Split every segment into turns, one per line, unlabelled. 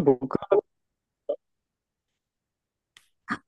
僕
あ、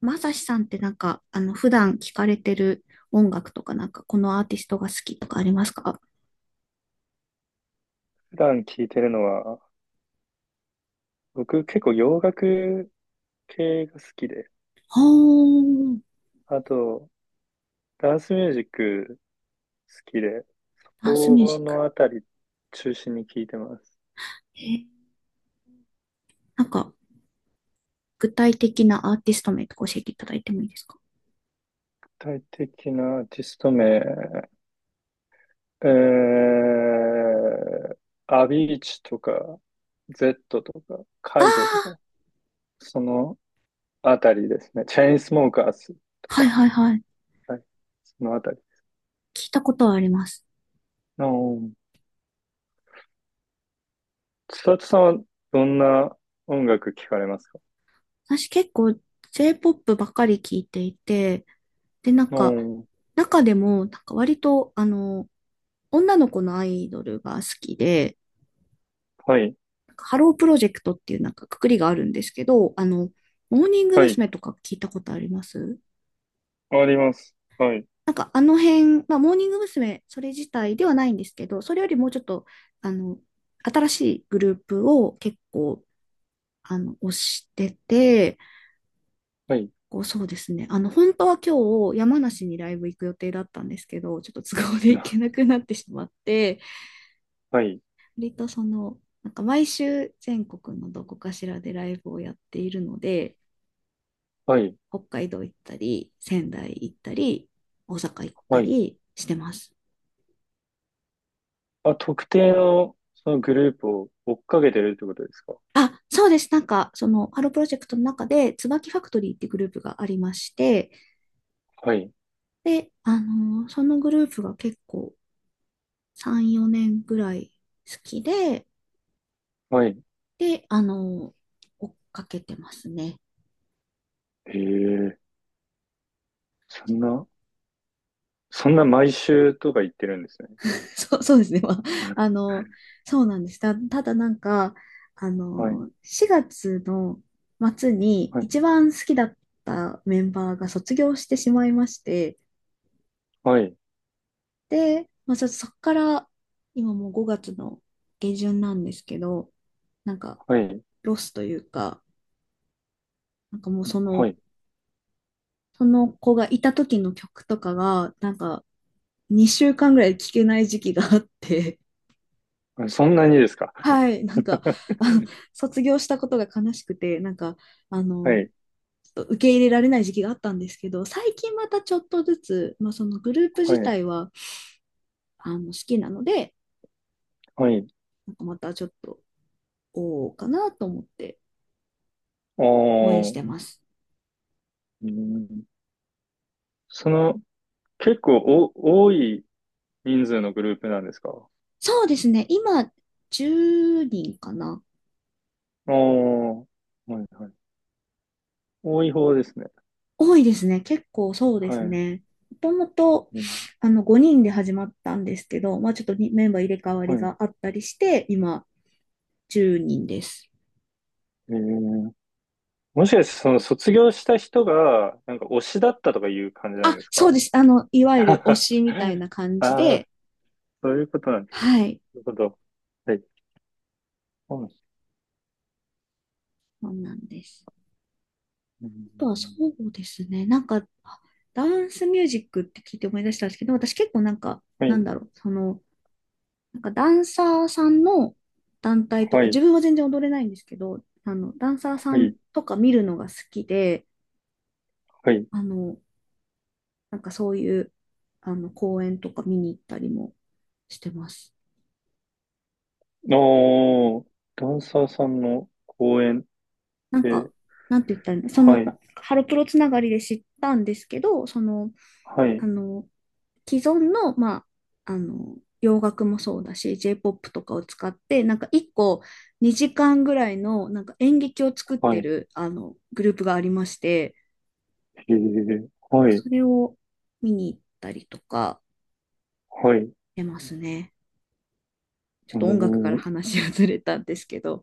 まさしさんってなんか、普段聞かれてる音楽とか、このアーティストが好きとかありますか？
普段聞いてるのは、僕結構洋楽系が好きで、
はー。
あとダンスミュージック好きで、
ダンスミュージ
こ
ック。
のあたり中心に聞いてます。
えー、なんか、具体的なアーティスト名とか教えていただいてもいいですか？
具体的なアーティスト名、えー、アビーチとか、Z とか、
あ
介護と
あ
か、そのあたりですね。チェインスモーカーズと
ー、はい
か、
はいはい。
はい、そのあたり。
聞いたことはあります。
うん。千里さんはどんな音楽聞かれますか？
私結構 J-POP ばかり聞いていて、で、なん
う
か、
ん。
中でも、なんか割と、女の子のアイドルが好きで、
はい。
ハロープロジェクトっていうなんか括りがあるんですけど、モーニング
はい。
娘。とか聞いたことあります？
あります。はい。
なんかあの辺、まあ、モーニング娘。それ自体ではないんですけど、それよりもうちょっと、あの、新しいグループを結構、推してて、
はい。
こうそうですね。あの、本当は今日山梨にライブ行く予定だったんですけど、ちょっと都合で行け
な、
なくなってしまって、
はい。
割とその、なんか毎週全国のどこかしらでライブをやっているので、
はい。
北海道行ったり、仙台行ったり、大阪行った
はい。
りしてます。
あ、特定の、そのグループを追っかけてるってことですか？
あ、そうです。なんか、その、ハロープロジェクトの中で、椿ファクトリーってグループがありまして、
はい。
で、あのーそのグループが結構3、4年ぐらい好きで、
はい。
で、あのー追っかけてますね。
へえ、そんな、そんな毎週とか言ってるんですね。
そう、そうですね。
なんか。
あの、そうなんです。ただなんか、
はい。
4月の末に
はい。
一番好きだったメンバーが卒業してしまいまして、
はい。
で、まあ、ちょっとそこから、今もう5月の下旬なんですけど、なんか、
はい。
ロスというか、なんかもうそ
は
の、
い。
その子がいた時の曲とかが、なんか、2週間ぐらい聴けない時期があって、
あ、そんなにですか？
はい。なんか、あの、卒業したことが悲しくて、なんか、あ
は
の、
い。
ちょっと受け入れられない時期があったんですけど、最近またちょっとずつ、まあ、そのグループ
は
自
い。
体は、好きなので、
はい。
なんかまたちょっと、おうかなと思って
あ
応援し
ー。
てます。
うん。その、結構多い人数のグループなんですか？
そうですね、今、10人かな。
ああー。はい。はい。多い方ですね。
多いですね、結構そうで
は
す
い。
ね。もともと、
うん、
5人で始まったんですけど、まあ、ちょっとにメンバー入れ替わ
は
り
い。
があったりして、今、10人です。
えー、もしかしてその卒業した人が、なんか推しだったとかいう感じなん
あ、
です
そう
か？
です。あの、い わゆる推
あ
しみたいな感じ
あ、
で、
そういうことなんですか。
はい、
なるほど。はい。はい。
そうなんです。
う
あとは
ん。
うですね、なんか、あダンスミュージックって聞いて思い出したんですけど、私結構なんか、
は
なん
い。
だろう、その、なんかダンサーさんの団体と
は
か、自
い。
分は全然踊れないんですけど、あの、ダンサーさ
は
ん
い。
とか見るのが好きで、
はい。
あの、なんかそういう、公演とか見に行ったりもしてます。
おー、ダンサーさんの公演っ
なんか、
て、
なんて言ったらいいのそ
は
の、
い。
ハロプロつながりで知ったんですけど、その、
は
あ
い。
の、既存の、洋楽もそうだし、J-POP とかを使って、なんか一個2時間ぐらいのなんか演劇を作っ
はい。
て
へ
るあのグループがありまして、
え、はい。
それを見に行ったりとか
はい。う
してますね。ちょっ
ー
と音楽から
ん。
話がずれたんですけど。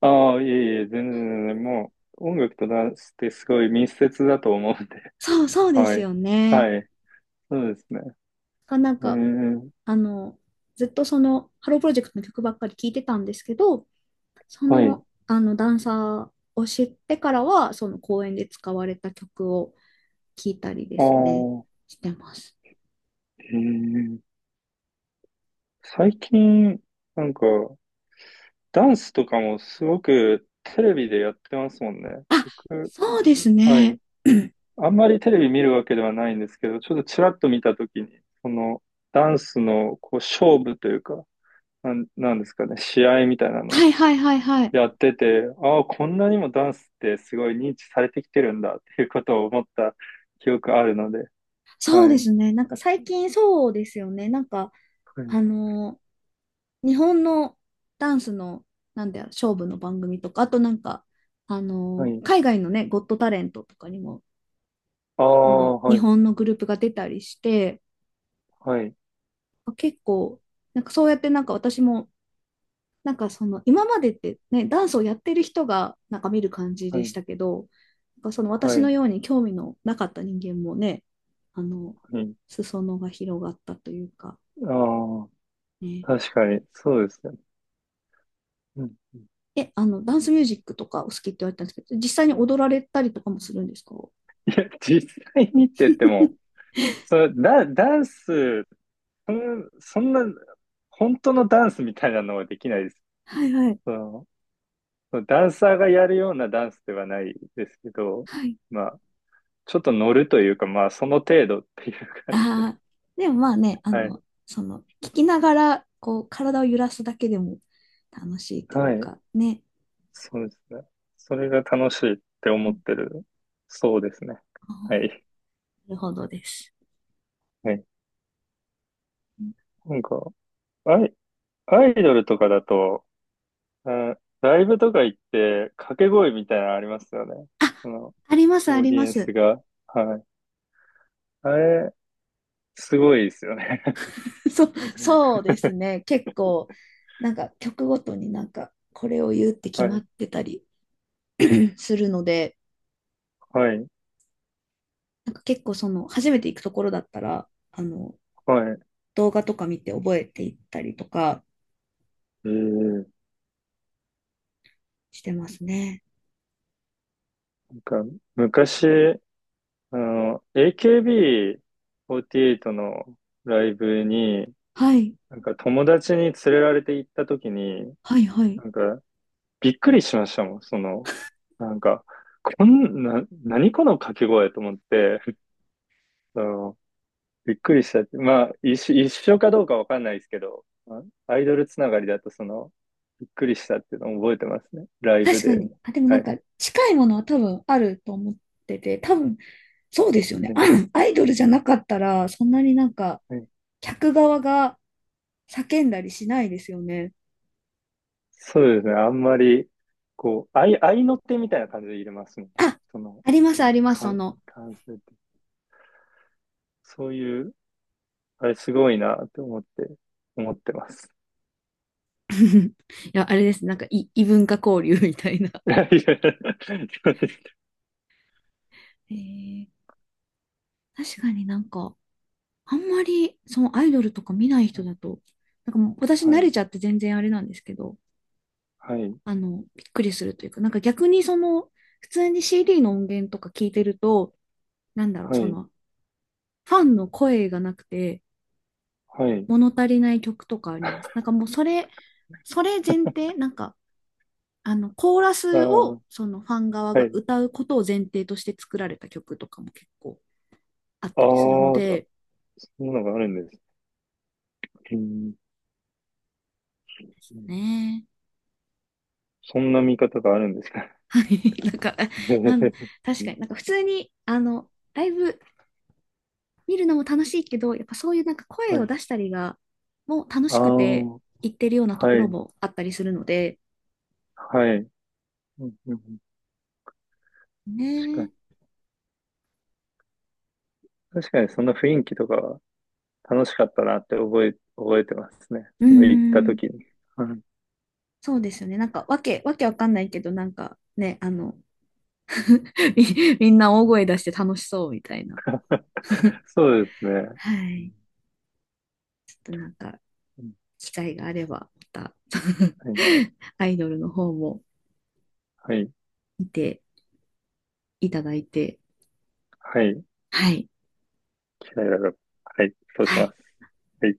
ああ、いえいえ、全然全然、もう、音楽とダンスってすごい密接だと思うんで。
そうそ うで
は
す
い。
よね。
はい。そうですね。
なん
え
か
ー、
あの、ずっとその、ハロープロジェクトの曲ばっかり聴いてたんですけど、そ
はい。
の、ダンサーを知ってからは、その公演で使われた曲を聴いたりで
あ
すね、
あ、
してます。
えー、最近、なんか、ダンスとかもすごくテレビでやってますもんね。
あ、
僕、
そうです
は
ね。
い。あんまりテレビ見るわけではないんですけど、ちょっとちらっと見たときに、その、ダンスの、こう、勝負というか、なんですかね、試合みたいな
は
の
いはいはいはい。
やってて、ああ、こんなにもダンスってすごい認知されてきてるんだっていうことを思った記憶あるので、
そう
は
で
い、
すね。なんか最近そうですよね。なんか、
は
あ
い、
の、日本のダンスの、なんだよ、勝負の番組とか、あとなんか、
はい。
海外のね、ゴットタレントとかにも
あ
あの
あ、は
日
い、
本のグループが出たりして
はい、
結構なんかそうやってなんか私もなんかその今までってねダンスをやってる人がなんか見る感じ
は
でし
い、
たけどなんかその私
は
の
い、
ように興味のなかった人間もねあの
はい。
裾野が広がったというか、
ああ、
ね、
確かに、そうですね。うん、
あのダンスミュージックとかお好きって言われたんですけど実際に踊られたりとかもするんですか？
いや、実際にって言っても、それダ、ダンス、そんな、本当のダンスみたいなのはできないです。
はいはい
その、そのダンサーがやるようなダンスではないですけど、
はい。
まあ、ちょっと乗るというか、まあ、その程度っていう 感じです。
ああ、でもまあね、あ
はい。
の、その、聞きながら、こう、体を揺らすだけでも楽しいとい
は
う
い。
か、ね。
そうですね。それが楽しいって
う
思っ
ん。
てる。そうですね。
あ
はい。
ー、なるほどです。
はい。
うん。
なんか、アイ、アイドルとかだと、あ、ライブとか行って、掛け声みたいなのありますよね。
あ、
その、
あります、あ
オー
り
ディ
ま
エンス
す。
が。はい。あれ、すごいですよね。
そう、そうです ね。結構、なんか曲ごとになんか、これを言うって決
は
まっ
い。
てたり、 するので、
はい。
なんか結構その、初めて行くところだったら、
はい。
動画とか見て覚えていったりとか
ええ。
してますね。
なんか、昔、AKB48 のライブに、
はい、
なんか友達に連れられて行った時に、
はい、は
な
い。
んかびっくりしましたもん、その、なんか、こんな、何この掛け声と思って、あの、びっくりしたって。まあ、一緒かどうかわかんないですけど、まあアイドルつながりだとその、びっくりしたっていうのを覚えてますね。ライブ
確か
で。
に。あ、でも
は
なん
い。
か近いものは多分あると思ってて、多分そうですよね。
うん。
アイドルじゃなかったら、そんなになんか客側が叫んだりしないですよね。
そうですね。あんまり、こう、愛の手みたいな感じで入れますもんね。
あ、
その、
ありま
あ
す、あ
れ、
ります、その。
感性って。そういう、あれすごいなって思ってます。
いや、あれです。なんか、異文化交流みたいな。
はい、
えー、確かになんか、あんまりそのアイドルとか見ない人だと、なんかもう私
は
慣
い、
れちゃって全然あれなんですけど、
はい、
あの、びっくりするというか、なんか逆にその、普通に CD の音源とか聞いてると、なんだろう、
は
そ
い、
の、ファンの声がなくて、
はい。
物足りない曲とかあります。なんかもうそれ前提、コーラ
あ
スを、
あ、
そのファン側
は
が
い。
歌うことを前提として作られた曲とかも結構あっ
あ
たりするの
あ、
で、
そんなのがあるんです。うん、うん、
ねえ。
そんな見方があるんですか？
はい。なん、か、なん、確かになんか普通に、あの、ライブ見るのも楽しいけど、やっぱそういうなんか声
は
を
い。
出したりが、もう楽
あ
し
あ、
くて
は
行ってるようなところ
い、
もあったりするので、
はい。うんうんうん。
ね
確か
え。
に。確かにそんな雰囲気とか楽しかったなって覚えてますね。
う
その行った
んうん。
時に。はい。
そうですよね。なんか、わけわかんないけど、なんかね、あの、みんな大声出して楽しそうみたいな。
そうですね。
は
うん。
い。機会があれば、また
はい。
アイドルの方も
はい。
見ていただいて、
はい。
はい。
嫌いだ。はい。そうし
は
ま
い。
す。はい。